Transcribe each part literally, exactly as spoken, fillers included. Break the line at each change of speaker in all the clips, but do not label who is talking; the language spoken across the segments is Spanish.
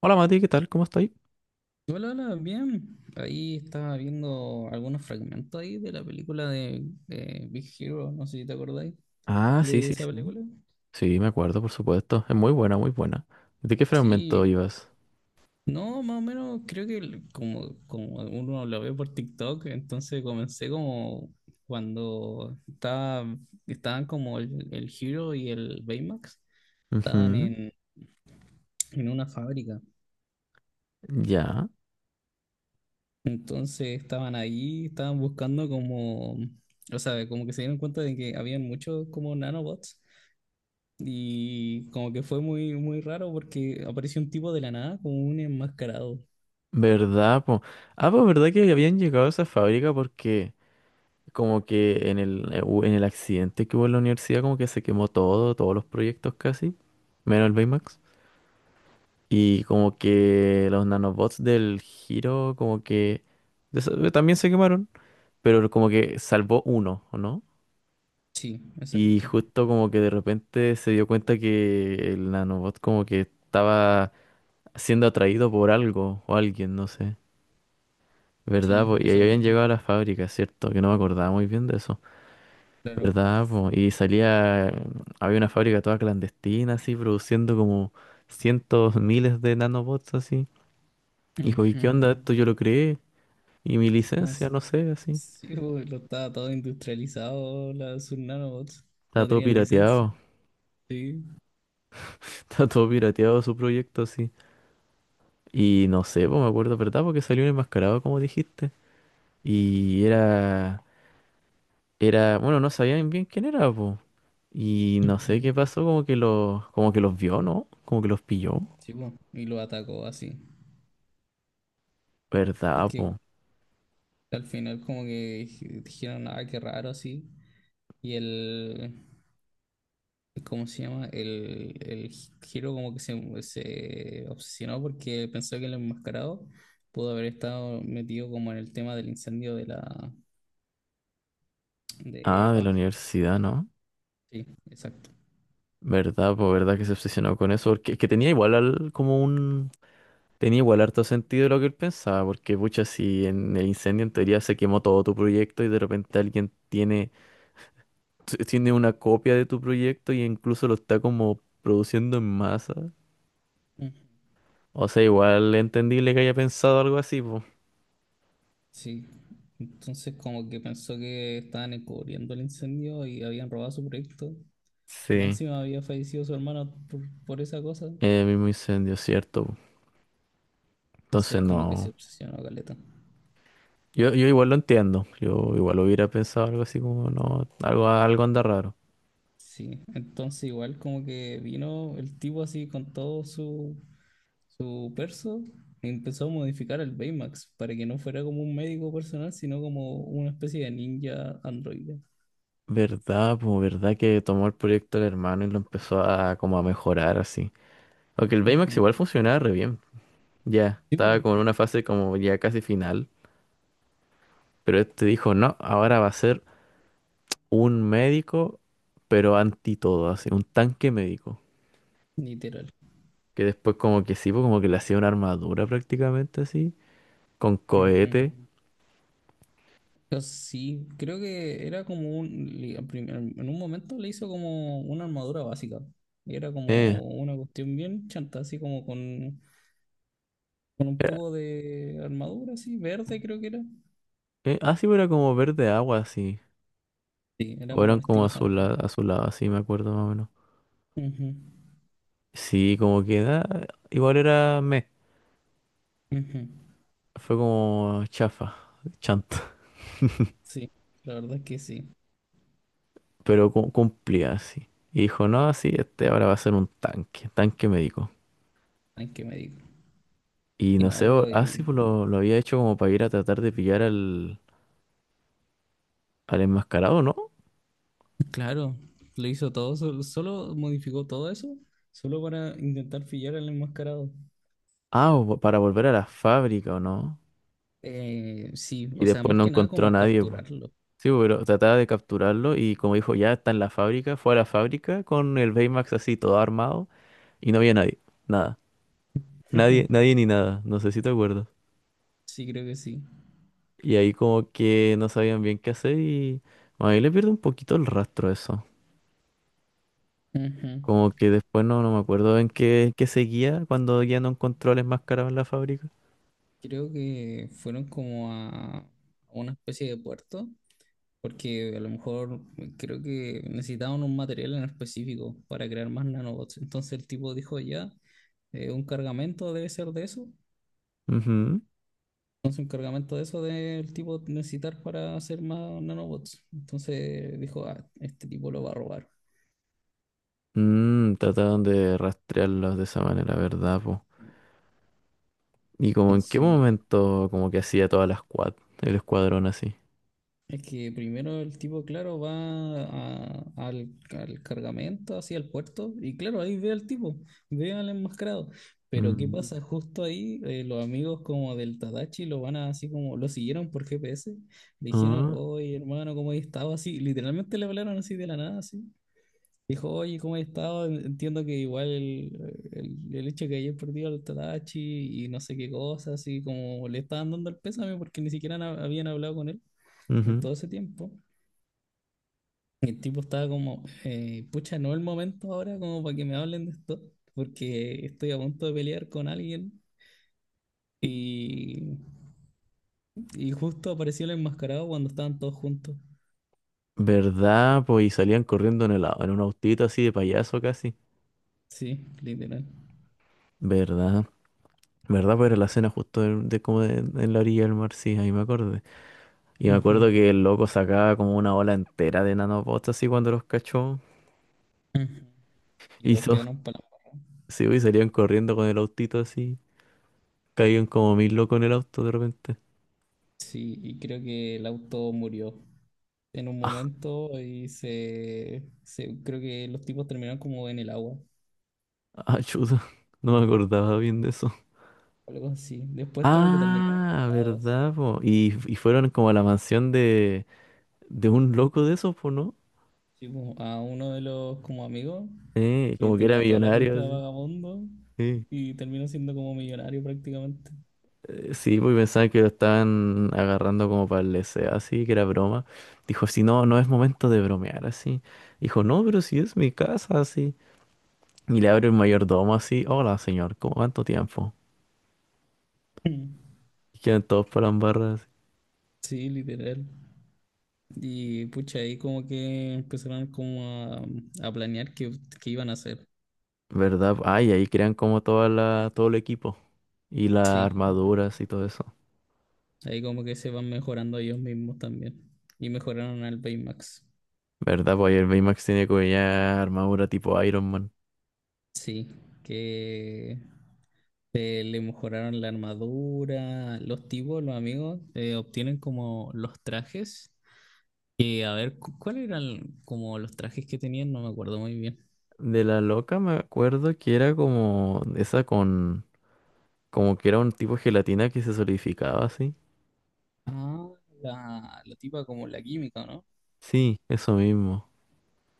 Hola Mati, ¿qué tal? ¿Cómo estáis?
Hola, hola, bien. Ahí estaba viendo algunos fragmentos ahí de la película de, de Big Hero, no sé si te acordáis
Ah, sí,
de
sí,
esa
sí.
película.
Sí, me acuerdo, por supuesto. Es muy buena, muy buena. ¿De qué fragmento
Sí,
ibas?
no, más o menos creo que el- como, como uno lo ve por TikTok, entonces comencé como cuando estaba, estaban como el, el Hero y el Baymax, estaban
Ujú.
en, en una fábrica.
Ya.
Entonces estaban ahí, estaban buscando como, o sea, como que se dieron cuenta de que habían muchos como nanobots. Y como que fue muy, muy raro porque apareció un tipo de la nada como un enmascarado.
¿Verdad, po? Ah, pues verdad que habían llegado a esa fábrica porque como que en el, eh, hu- en el accidente que hubo en la universidad como que se quemó todo, todos los proyectos casi, menos el Baymax. Y como que los nanobots del giro como que de eso- eh, también se quemaron, pero como que salvó uno, ¿o no?
Sí,
Y
exacto.
justo como que de repente se dio cuenta que el nanobot como que estaba siendo atraído por algo o alguien, no sé. ¿Verdad? Po?
Sí,
Y ahí
eso
habían
mismo,
llegado a la fábrica, ¿cierto? Que no me acordaba muy bien de eso.
claro.
¿Verdad? Po? Y salía, había una fábrica toda clandestina, así, produciendo como cientos, miles de nanobots, así. Y dijo, ¿y qué
Ujú.
onda esto? Yo lo creé. Y mi licencia,
Más,
no sé, así.
sí, pues, lo estaba todo industrializado, la- sus nanobots.
Está
No
todo
tenían licencia.
pirateado.
Sí.
Está todo pirateado su proyecto, así. Y no sé, pues me acuerdo, ¿verdad? Porque salió un enmascarado, como dijiste. Y era, era, bueno, no sabían bien quién era, pues. Y no
Ujú.
sé qué pasó, como que los, como que los vio, ¿no? Como que los pilló.
Sí, pues, y lo atacó así. Y
¿Verdad,
que
po?
al final como que dij- dijeron, ah, qué raro así. Y el, ¿cómo se llama? El, el Hiro como que se, se obsesionó porque pensó que el enmascarado pudo haber estado metido como en el tema del incendio de la... De,
Ah, de la
ah,
universidad, ¿no?
sí, exacto.
¿Verdad, po? ¿Verdad que se obsesionó con eso? Porque es que tenía igual al- como un, tenía igual harto sentido lo que él pensaba, porque pucha, si en el incendio en teoría se quemó todo tu proyecto y de repente alguien tiene t- tiene una copia de tu proyecto y incluso lo está como produciendo en masa.
Mm,
O sea, igual entendible que haya pensado algo así, pues.
sí. Entonces como que pensó que estaban encubriendo el incendio y habían robado su proyecto. Y más
Sí,
encima había fallecido su hermano por, por esa cosa.
el mismo incendio, cierto, po.
Entonces
Entonces
como que se
no.
obsesionó, caleta.
Yo, yo igual lo entiendo. Yo igual hubiera pensado algo así como, no, algo, algo anda raro.
Sí, entonces igual como que vino el tipo así con todo su, su perso y empezó a modificar el Baymax para que no fuera como un médico personal, sino como una especie de ninja androide.
¿Verdad? Pues verdad que tomó el proyecto del hermano y lo empezó a como a mejorar así. Aunque el Baymax
Ujú.
igual funcionaba re bien. Ya,
Sí, po,
estaba como en una fase como ya casi final. Pero este dijo, no, ahora va a ser un médico, pero anti todo, así, un tanque médico.
literal.
Que después como que sí, pues como que le hacía una armadura prácticamente así, con
Ujú.
cohete.
Pues sí, creo que era como un... li- al prim- al- En un momento le hizo como una armadura básica. Y era
Eh,
como una cuestión bien chanta, así como con, con un
era,
poco de armadura, así, verde creo que era.
eh, ah, sí, pues era como verde agua así.
Sí, era
O
como un
eran como
estilo
azul,
samurai.
azulado, así me acuerdo más o menos.
Ujú,
Sí, como que ah, igual era meh.
ujú.
Fue como chafa, chanta.
Sí, la verdad es que sí.
Pero cu- cumplía así. Y dijo, no, sí, este ahora va a ser un tanque, tanque médico.
Hay que me digo.
Y
Y
no
no,
sé, o- ah,
pues,
sí, pues lo, lo había hecho como para ir a tratar de pillar al, al enmascarado, ¿no?
claro, lo hizo todo, sol- solo, modificó todo eso, solo para intentar pillar al enmascarado.
Ah, o vo- para volver a la fábrica, ¿o no?
Eh, sí,
Y
o sea,
después
más
no
que nada
encontró a
como
nadie, po.
capturarlo.
Sí, po, pero trataba de capturarlo y como dijo, ya está en la fábrica, fue a la fábrica con el Baymax así todo armado y no había nadie, nada. Nadie, nadie ni nada, no sé si te acuerdas.
Sí, creo que sí.
Y ahí como que no sabían bien qué hacer y bueno, ahí le pierde un poquito el rastro a eso.
Ujú.
Como que después no, no me acuerdo en qué, qué seguía cuando ya no encontró al enmascarado en la fábrica.
Creo que fueron como a a una especie de puerto. Porque a lo mejor creo que necesitaban un material en específico para crear más nanobots. Entonces el tipo dijo ya, eh, un cargamento debe ser de eso.
Ujú.
Entonces un cargamento de eso debe el tipo necesitar para hacer más nanobots. Entonces dijo, ah, este tipo lo va a robar.
Mm, trataron de rastrearlos de esa manera, ¿verdad, po? ¿Y como en qué
Entonces ma-
momento como que hacía toda la squad, el escuadrón así?
Es que primero el tipo, claro, va a- al, al cargamento, hacia el puerto, y claro, ahí ve al tipo, ve al enmascarado. Pero ¿qué
Mm,
pasa? Justo ahí eh, los amigos como del Tadachi lo van a así como, lo siguieron por G P S, dijeron,
ah,
oye hermano, ¿cómo has estado? Así, literalmente le hablaron así de la nada, así. Dijo, oye, ¿cómo has estado? Entiendo que igual el, el- el hecho que hayas perdido al Tadachi y no sé qué cosas así como le estaban dando el pésame porque ni siquiera na- habían hablado con él en
ujú.
todo ese tiempo. El tipo estaba como, eh, pucha, no es el momento ahora como para que me hablen de esto, porque estoy a punto de pelear con alguien y, y justo apareció el enmascarado cuando estaban todos juntos.
¿Verdad, po? Y salían corriendo en el, au- en un autito así de payaso casi.
Sí, literal.
¿Verdad? ¿Verdad? Pues era la escena justo de, de como de- en la orilla del mar, sí, ahí me acordé. Y me
Ujú,
acuerdo que el loco sacaba como una ola entera de nanobots así cuando los cachó.
ujú. Y todos
Hizo,
quedaron para...
sí, po, y salían corriendo con el autito así. Caían como mil locos en el auto de repente.
Sí, y creo que el auto murió en un momento y se, se... Creo que los tipos terminaron como en el agua,
Ah, chuta. No me acordaba bien de eso.
algo así. Después como que terminaron
Ah,
mojados.
¿verdad, po? Y, y fueron como a la mansión de, de un loco de esos, po, ¿no?
Sí, pues, a uno de los como amigos
Eh,
que
como que era
tenía toda la pinta
millonario,
de
así.
vagabundo
Sí,
y terminó siendo como millonario prácticamente.
Eh, sí, pues pensaban que lo estaban agarrando como para el deseo, así, que era broma. Dijo, si no, no es momento de bromear, así. Dijo, no, pero si es mi casa, así. Y le abre el mayordomo, así. Hola, señor, ¿cómo cuánto tiempo? Y quedan todos para la embarra, así.
Sí, literal. Y pucha, ahí como que empezaron como a, a planear qué, qué iban a hacer.
¿Verdad? Ay, ahí crean como toda la, todo el equipo. Y las
Sí,
armaduras y todo eso.
ahí como que se van mejorando ellos mismos también. Y mejoraron al Baymax.
¿Verdad? Pues ahí el Baymax tiene como ya armadura tipo Iron Man.
Sí, que eh, le mejoraron la armadura. Los tipos, los amigos, eh, obtienen como los trajes. Que, a ver, cu- ¿cuál eran como los trajes que tenían? No me acuerdo muy bien.
De la loca me acuerdo que era como esa con... Como que era un tipo de gelatina que se solidificaba así.
Ah, la, la tipa como la química, ¿no?
Sí, eso mismo.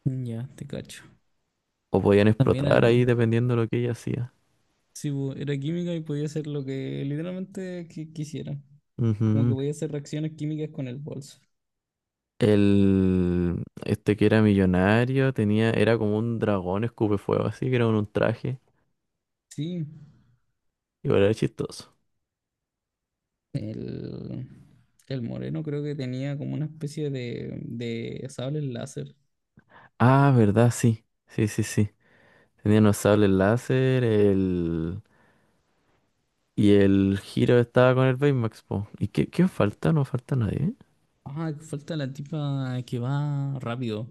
Ya, te cacho.
O podían
También
explotar
era,
ahí dependiendo de lo que ella hacía.
sí, bu- era química y podía hacer lo que literalmente qui- quisiera. Como que
Ujú.
podía hacer reacciones químicas con el bolso.
El... Este que era millonario tenía... Era como un dragón escupe fuego así, que era un, un traje.
Sí,
Igual era chistoso.
el, el moreno creo que tenía como una especie de, de sable láser.
Ah, ¿verdad? Sí. Sí, sí, sí. Tenía los sables láser, el... Y el Giro estaba con el Baymax, po. ¿Y qué, quién falta? No falta nadie.
Ah, falta la tipa que va rápido,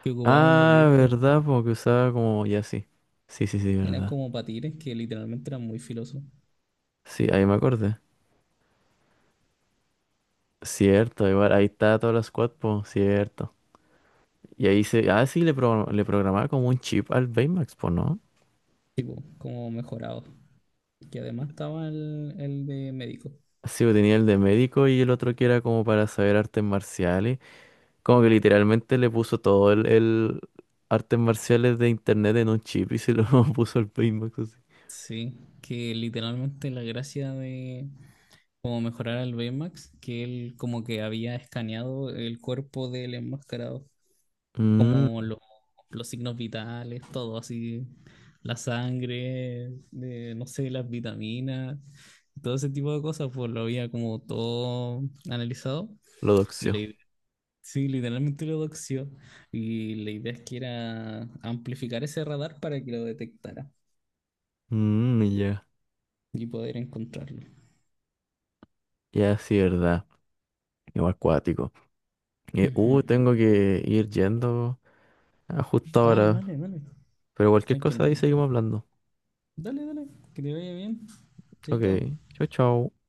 que ocupaba unos
Ah,
discos.
verdad, porque usaba como ya sí. Sí, sí, sí,
Eran
verdad.
como patines que literalmente eran muy filosos.
Sí, ahí me acordé. Cierto, igual ahí está toda la squad, po, cierto. Y ahí se. Ah, sí, le, pro- le programaba como un chip al Baymax, po, ¿no?
Tipo como mejorado. Que además estaba el, el de médico.
Sí, po, tenía el de médico y el otro que era como para saber artes marciales. Como que literalmente le puso todo el, el artes marciales de internet en un chip y se lo puso al Baymax así.
Sí, que literalmente la gracia de como mejorar al Baymax, que él como que había escaneado el cuerpo del enmascarado,
Mm,
como lo- los signos vitales, todo así, la sangre, de, no sé, las vitaminas, todo ese tipo de cosas, pues lo había como todo analizado.
lo
Y la
doxió.
idea sí, literalmente lo doxió. Y la idea es que era amplificar ese radar para que lo detectara
Mm, ya,
y poder encontrarlo.
ya sí, verdad. Igual acuático. Eh,
Ujú.
uh, tengo que ir yendo a justo
Ah,
ahora.
dale, dale.
Pero cualquier
Tranquilo,
cosa ahí
hermano.
seguimos hablando.
Dale, dale. Que te vaya bien.
Ok,
Chaito.
chau, chau.